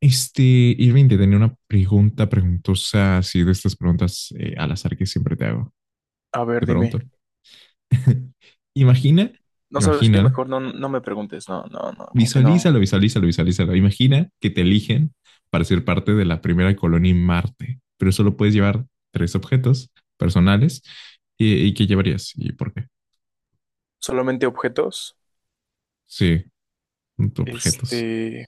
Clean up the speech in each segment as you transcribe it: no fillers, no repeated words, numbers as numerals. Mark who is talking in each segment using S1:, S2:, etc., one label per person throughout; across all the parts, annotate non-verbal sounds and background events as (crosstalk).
S1: Este, Irving, te tenía una pregunta preguntosa, así de estas preguntas al azar que siempre te hago.
S2: A ver,
S1: Te
S2: dime.
S1: pregunto. (laughs) Imagina,
S2: No sabes
S1: imagina,
S2: qué, mejor no, no me preguntes. No, no, no, como que no.
S1: visualízalo, visualízalo, visualízalo. Imagina que te eligen para ser parte de la primera colonia en Marte, pero solo puedes llevar tres objetos personales. ¿Y qué llevarías? ¿Y por qué?
S2: Solamente objetos.
S1: Sí, objetos.
S2: Este,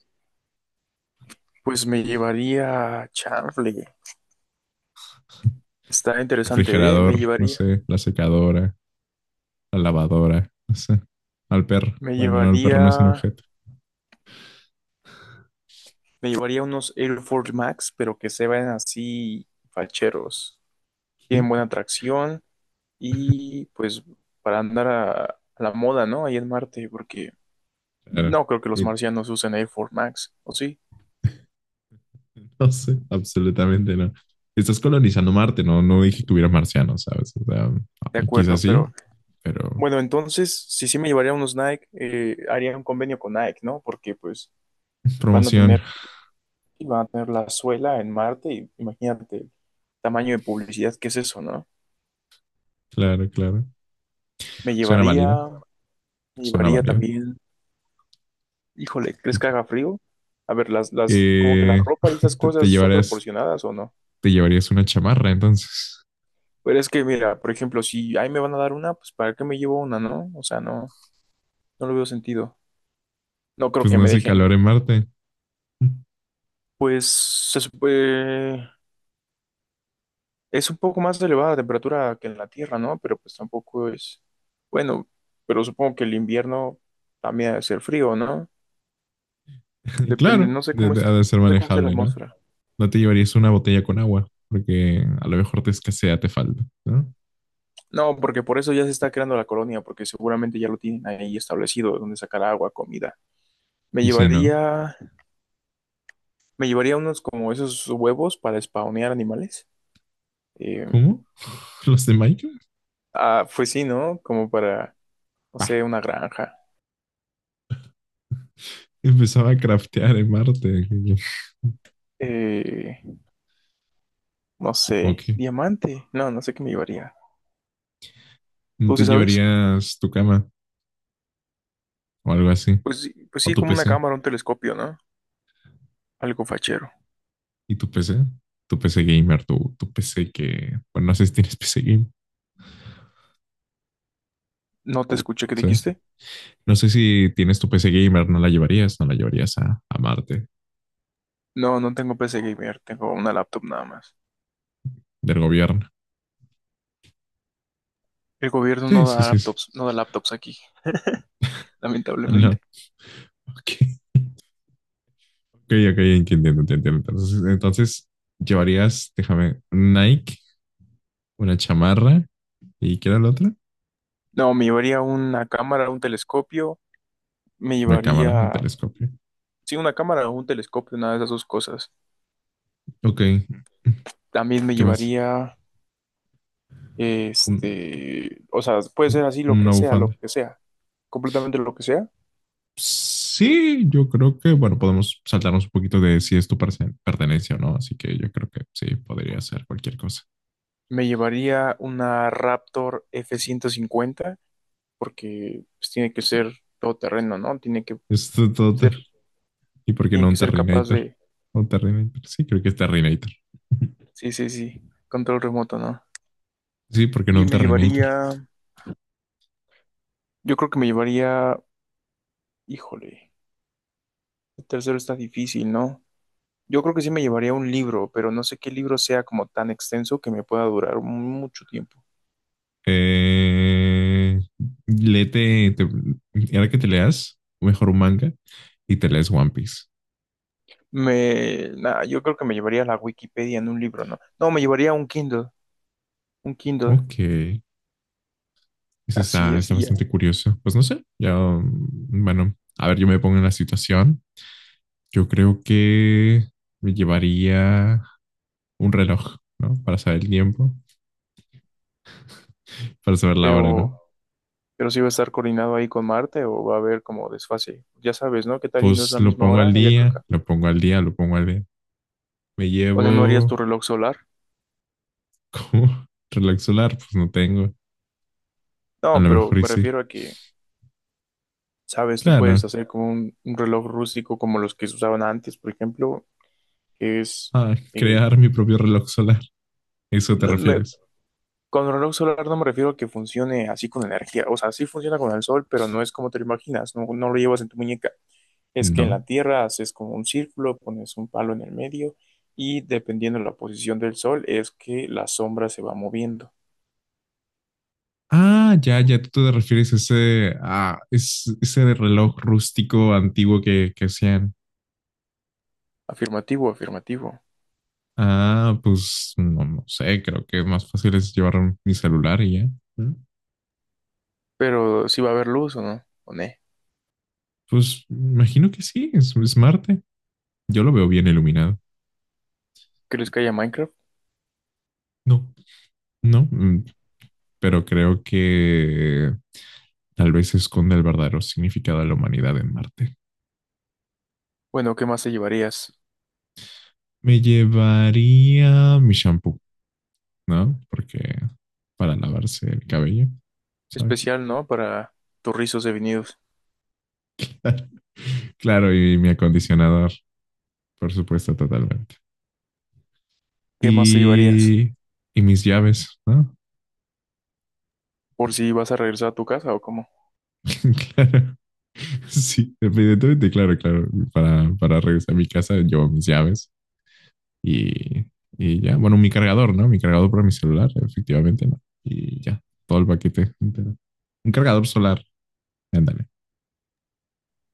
S2: pues me llevaría, Charlie. Está interesante, ¿eh?
S1: Refrigerador, no sé, la secadora, la lavadora, no sé. Al perro.
S2: Me
S1: Bueno, no, el perro no es un
S2: llevaría,
S1: objeto.
S2: Me llevaría unos Air Force Max, pero que se vean así facheros. Tienen
S1: Y
S2: buena tracción y pues para andar a la moda, ¿no? Ahí en Marte, porque
S1: claro.
S2: no creo que los
S1: Y
S2: marcianos usen Air Force Max, ¿o sí?
S1: (laughs) no sé, absolutamente no. Si estás colonizando Marte, no, no dije que hubiera marcianos, ¿sabes? O sea,
S2: De
S1: quizás
S2: acuerdo,
S1: sí,
S2: pero
S1: pero
S2: bueno, entonces, si sí me llevaría unos Nike, haría un convenio con Nike, ¿no? Porque pues van a
S1: promoción.
S2: tener, van a tener la suela en Marte y imagínate el tamaño de publicidad que es eso, ¿no?
S1: (laughs) Claro, claro.
S2: Me
S1: Suena
S2: llevaría,
S1: válido,
S2: me
S1: suena
S2: llevaría
S1: válido.
S2: también, híjole, ¿crees que haga frío? A ver, como que la
S1: Eh,
S2: ropa y esas
S1: te, te
S2: cosas son
S1: llevarías,
S2: proporcionadas o no.
S1: te llevarías una chamarra, entonces.
S2: Pero es que, mira, por ejemplo, si ahí me van a dar una, pues ¿para qué me llevo una, no? O sea, no, no lo veo sentido. No creo
S1: Pues
S2: que
S1: no
S2: me
S1: hace calor
S2: dejen,
S1: en Marte.
S2: pues, se supe- es un poco más elevada la temperatura que en la Tierra, ¿no? Pero pues tampoco es... Bueno, pero supongo que el invierno también debe ser frío, ¿no?
S1: (laughs)
S2: Depende,
S1: Claro, ha de ser
S2: no sé cómo es la
S1: manejable, ¿no?
S2: atmósfera.
S1: No te llevarías una botella con agua, porque a lo mejor te escasea, te falta, ¿no?
S2: No, porque por eso ya se está creando la colonia, porque seguramente ya lo tienen ahí establecido, donde sacar agua, comida. Me
S1: Y si no,
S2: llevaría, me llevaría unos como esos huevos para spawnear animales. Eh,
S1: ¿cómo? (laughs) ¿Los de Minecraft?
S2: ah, pues sí, ¿no? Como para, no
S1: Ah,
S2: sé, una granja.
S1: empezaba a craftear en Marte.
S2: Eh, no
S1: Ok.
S2: sé, diamante. No, no sé qué me llevaría.
S1: ¿No
S2: ¿Tú
S1: te
S2: sí sabes?
S1: llevarías tu cama o algo así?
S2: Pues
S1: ¿O
S2: sí,
S1: tu
S2: como una
S1: PC?
S2: cámara, un telescopio, ¿no? Algo fachero.
S1: ¿Y tu PC? Tu PC gamer, tu PC que... Bueno, no sé si tienes PC gamer.
S2: No te escuché,
S1: No
S2: ¿qué
S1: sé.
S2: dijiste?
S1: No sé si tienes tu PC gamer, no la llevarías, no la llevarías a Marte
S2: No, no tengo PC gamer, tengo una laptop nada más.
S1: del gobierno.
S2: El gobierno
S1: Sí,
S2: no
S1: sí,
S2: da
S1: sí, sí.
S2: laptops, no da laptops aquí, (laughs)
S1: Ah, no,
S2: lamentablemente.
S1: ok, ok, ok, entiendo, entiendo. Entonces, llevarías, déjame, Nike, una chamarra y ¿qué era la otra?
S2: No, me llevaría una cámara, un telescopio, me
S1: Una cámara y
S2: llevaría,
S1: telescopio.
S2: sí, una cámara o un telescopio, una de esas dos cosas.
S1: Ok,
S2: También me
S1: ¿qué más?
S2: llevaría,
S1: Un-
S2: o sea, puede ser así
S1: Una
S2: lo
S1: bufanda.
S2: que sea, completamente lo que sea.
S1: Sí, yo creo que, bueno, podemos saltarnos un poquito de si esto pertenencia o no, así que yo creo que sí, podría ser cualquier cosa.
S2: Me llevaría una Raptor F-150 porque pues, tiene que ser todoterreno, ¿no?
S1: Esto todo.
S2: Ser,
S1: ¿Y por qué no
S2: tiene que
S1: un
S2: ser capaz
S1: Terrinator?
S2: de,
S1: Un Terrinator. Sí, creo que es Terrinator.
S2: sí, sí, sí, control remoto, ¿no?
S1: Sí, ¿por qué no
S2: Y
S1: un
S2: me
S1: Terrinator?
S2: llevaría, yo creo que me llevaría, híjole, el tercero está difícil, ¿no? Yo creo que sí me llevaría un libro, pero no sé qué libro sea como tan extenso que me pueda durar mucho tiempo.
S1: Eh, léete, te- Ahora que te leas, mejor un manga y te lees One Piece.
S2: Me, nada, yo creo que me llevaría la Wikipedia en un libro, ¿no? No, me llevaría un Kindle, un Kindle,
S1: Ok, eso
S2: así
S1: está,
S2: es,
S1: está
S2: y ya.
S1: bastante curioso. Pues no sé, ya, bueno, a ver, yo me pongo en la situación. Yo creo que me llevaría un reloj, ¿no? Para saber el tiempo, para saber la hora, ¿no?
S2: Pero Pero si va a estar coordinado ahí con Marte o va a haber como desfase. Ya sabes, ¿no? ¿Qué tal y no es
S1: Pues
S2: la
S1: lo
S2: misma
S1: pongo al
S2: hora allá que
S1: día,
S2: acá?
S1: lo pongo al día, lo pongo al día. Me
S2: O sea, ¿no harías tu
S1: llevo
S2: reloj solar?
S1: como (laughs) reloj solar, pues no tengo. A
S2: No,
S1: lo
S2: pero
S1: mejor y
S2: me
S1: sí.
S2: refiero a que, sabes, tú puedes
S1: Claro.
S2: hacer como un reloj rústico como los que se usaban antes, por ejemplo, que es...
S1: Ah,
S2: eh,
S1: crear mi propio reloj solar. ¿Eso te
S2: no- me-
S1: refieres?
S2: con el reloj solar no me refiero a que funcione así con energía. O sea, sí funciona con el sol, pero no es como te lo imaginas, no, no lo llevas en tu muñeca. Es que en
S1: No.
S2: la Tierra haces como un círculo, pones un palo en el medio y dependiendo de la posición del sol es que la sombra se va moviendo.
S1: Ah, ya, ya, tú te refieres a ese, ese reloj rústico antiguo que hacían.
S2: Afirmativo, afirmativo.
S1: Ah, pues no, no sé, creo que más fácil es llevar mi celular y ya. ¿Mm?
S2: Pero si va a haber luz o no, o ne.
S1: Pues imagino que sí, es Marte. Yo lo veo bien iluminado.
S2: ¿Crees que haya Minecraft?
S1: No, no, pero creo que tal vez esconde el verdadero significado de la humanidad en Marte.
S2: Bueno, ¿qué más te llevarías?
S1: Me llevaría mi shampoo, ¿no? Porque para lavarse el cabello, ¿sabes?
S2: Especial, ¿no? Para tus rizos devenidos.
S1: (laughs) Claro, y mi acondicionador, por supuesto, totalmente.
S2: ¿Qué más te llevarías?
S1: Y, y mis llaves, ¿no?
S2: ¿Por si vas a regresar a tu casa o cómo?
S1: (laughs) Claro, sí, evidentemente, claro, claro. Para regresar a mi casa llevo mis llaves y, y ya. Bueno, mi cargador, ¿no? Mi cargador para mi celular, efectivamente, ¿no? Y ya, todo el paquete entero. Un cargador solar, ándale.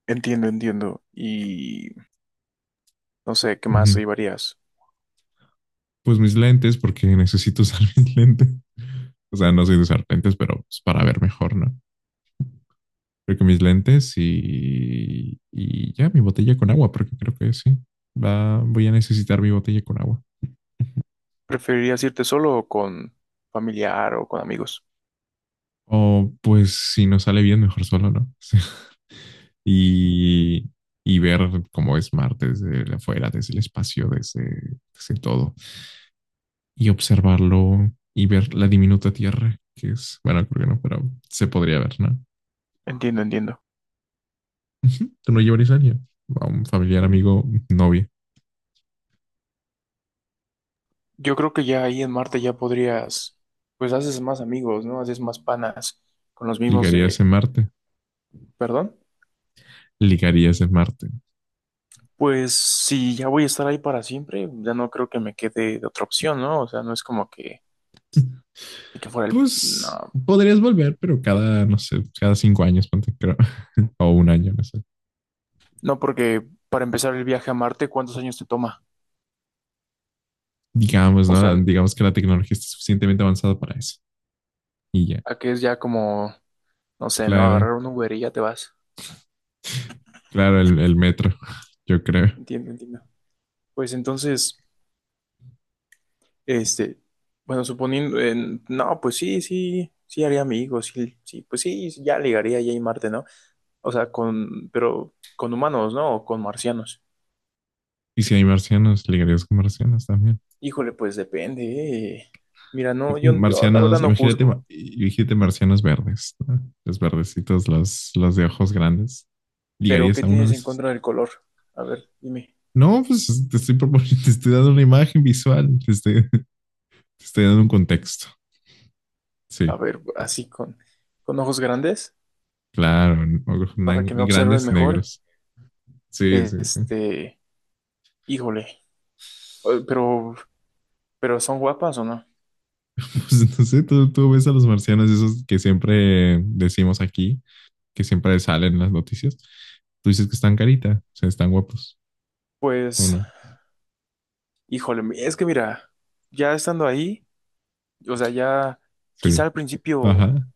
S2: Entiendo, entiendo. Y no sé, ¿qué
S1: Ujú.
S2: más te llevarías?
S1: Pues mis lentes, porque necesito (laughs) usar mis lentes. (laughs) O sea, no soy de usar lentes, pero pues, para ver mejor, ¿no? Creo que mis lentes y ya mi botella con agua, porque creo que sí. Va, voy a necesitar mi botella con agua.
S2: ¿Preferirías irte solo o con familiar o con amigos?
S1: O pues si nos sale bien, mejor solo, ¿no? (laughs) Y, y ver cómo es Marte desde afuera, desde el espacio, desde todo. Y observarlo y ver la diminuta Tierra, que es, bueno, creo que no, pero se podría ver, ¿no?
S2: Entiendo, entiendo.
S1: ¿Tú no llevarías a alguien? A un familiar, amigo, novia.
S2: Yo creo que ya ahí en Marte ya podrías, pues haces más amigos, ¿no? Haces más panas con los mismos
S1: ¿Ligarías
S2: de,
S1: en Marte?
S2: perdón.
S1: ¿Ligarías en Marte?
S2: Pues si ya voy a estar ahí para siempre, ya no creo que me quede de otra opción, ¿no? O sea, no es como que fuera el...
S1: Pues
S2: No,
S1: podrías volver, pero cada, no sé, cada 5 años, ponte, creo, (laughs) o un año, no sé.
S2: no, porque para empezar el viaje a Marte, ¿cuántos años te toma?
S1: Digamos,
S2: O sea,
S1: ¿no? Digamos que la tecnología está suficientemente avanzada para eso. Y ya,
S2: ¿a qué es ya como, no sé, ¿no?
S1: claro,
S2: Agarrar un Uber y ya te vas.
S1: claro, el metro, (laughs) yo creo.
S2: Entiendo, entiendo. Pues entonces... Este, bueno, suponiendo, no, pues sí, sí, sí haría amigos, sí, sí, pues sí, sí, ya ligaría ya y Marte, ¿no? O sea, con, pero con humanos, ¿no? O con marcianos.
S1: Y si hay marcianos, ligarías con marcianos también.
S2: Híjole, pues depende. eh. Mira, no, yo la verdad
S1: Marcianos,
S2: no
S1: imagínate,
S2: juzgo,
S1: imagínate marcianos verdes, ¿no? Los verdecitos, los de ojos grandes.
S2: pero
S1: ¿Ligarías
S2: ¿qué
S1: a uno de
S2: tienes en
S1: esos?
S2: contra del color? A ver, dime.
S1: No, pues te estoy proponiendo, (laughs) te estoy dando una imagen visual, te estoy, (laughs) te estoy dando un contexto.
S2: A
S1: Sí,
S2: ver, así con ojos grandes,
S1: claro, ojos
S2: para que me observen
S1: grandes
S2: mejor.
S1: negros. Sí, sí, sí. (laughs)
S2: Este, híjole, eh, pero, pero ¿son guapas o no?
S1: Pues no sé, tú ves a los marcianos, esos que siempre decimos aquí, que siempre salen en las noticias, tú dices que están carita, o sea, están guapos, ¿o
S2: Pues,
S1: no?
S2: híjole, es que mira, ya estando ahí. O sea, ya quizá
S1: Sí,
S2: al principio
S1: ajá,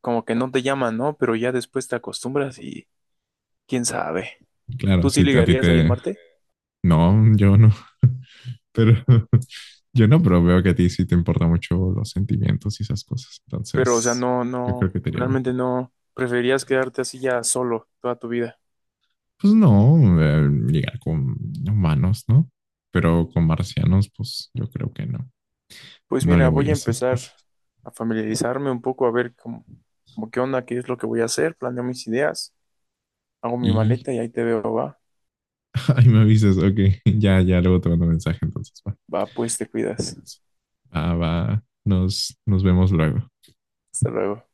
S2: como que no te llaman, ¿no? Pero ya después te acostumbras y quién sabe.
S1: claro,
S2: ¿Tú sí
S1: sí, a ti
S2: ligarías ahí en
S1: te...
S2: Marte?
S1: No, yo no, pero (laughs) yo no, pero veo que a ti sí te importan mucho los sentimientos y esas cosas,
S2: Pero, o sea,
S1: entonces
S2: no,
S1: yo creo
S2: no,
S1: que te iría bien.
S2: realmente no. Preferirías quedarte así ya solo toda tu vida.
S1: Pues no, llegar con humanos, ¿no? Pero con marcianos, pues yo creo que no,
S2: Pues
S1: no le
S2: mira,
S1: voy
S2: voy
S1: a
S2: a
S1: esas
S2: empezar
S1: cosas.
S2: a familiarizarme un poco, a ver cómo, cómo qué onda, qué es lo que voy a hacer, planeo mis ideas, hago mi
S1: Y...
S2: maleta y ahí te veo, va.
S1: (laughs) Ay, me avisas, ok, (laughs) ya, ya, luego te mando mensaje, entonces, va.
S2: Va, pues te cuidas.
S1: Eso. Ah, va. Nos vemos luego.
S2: Hasta luego.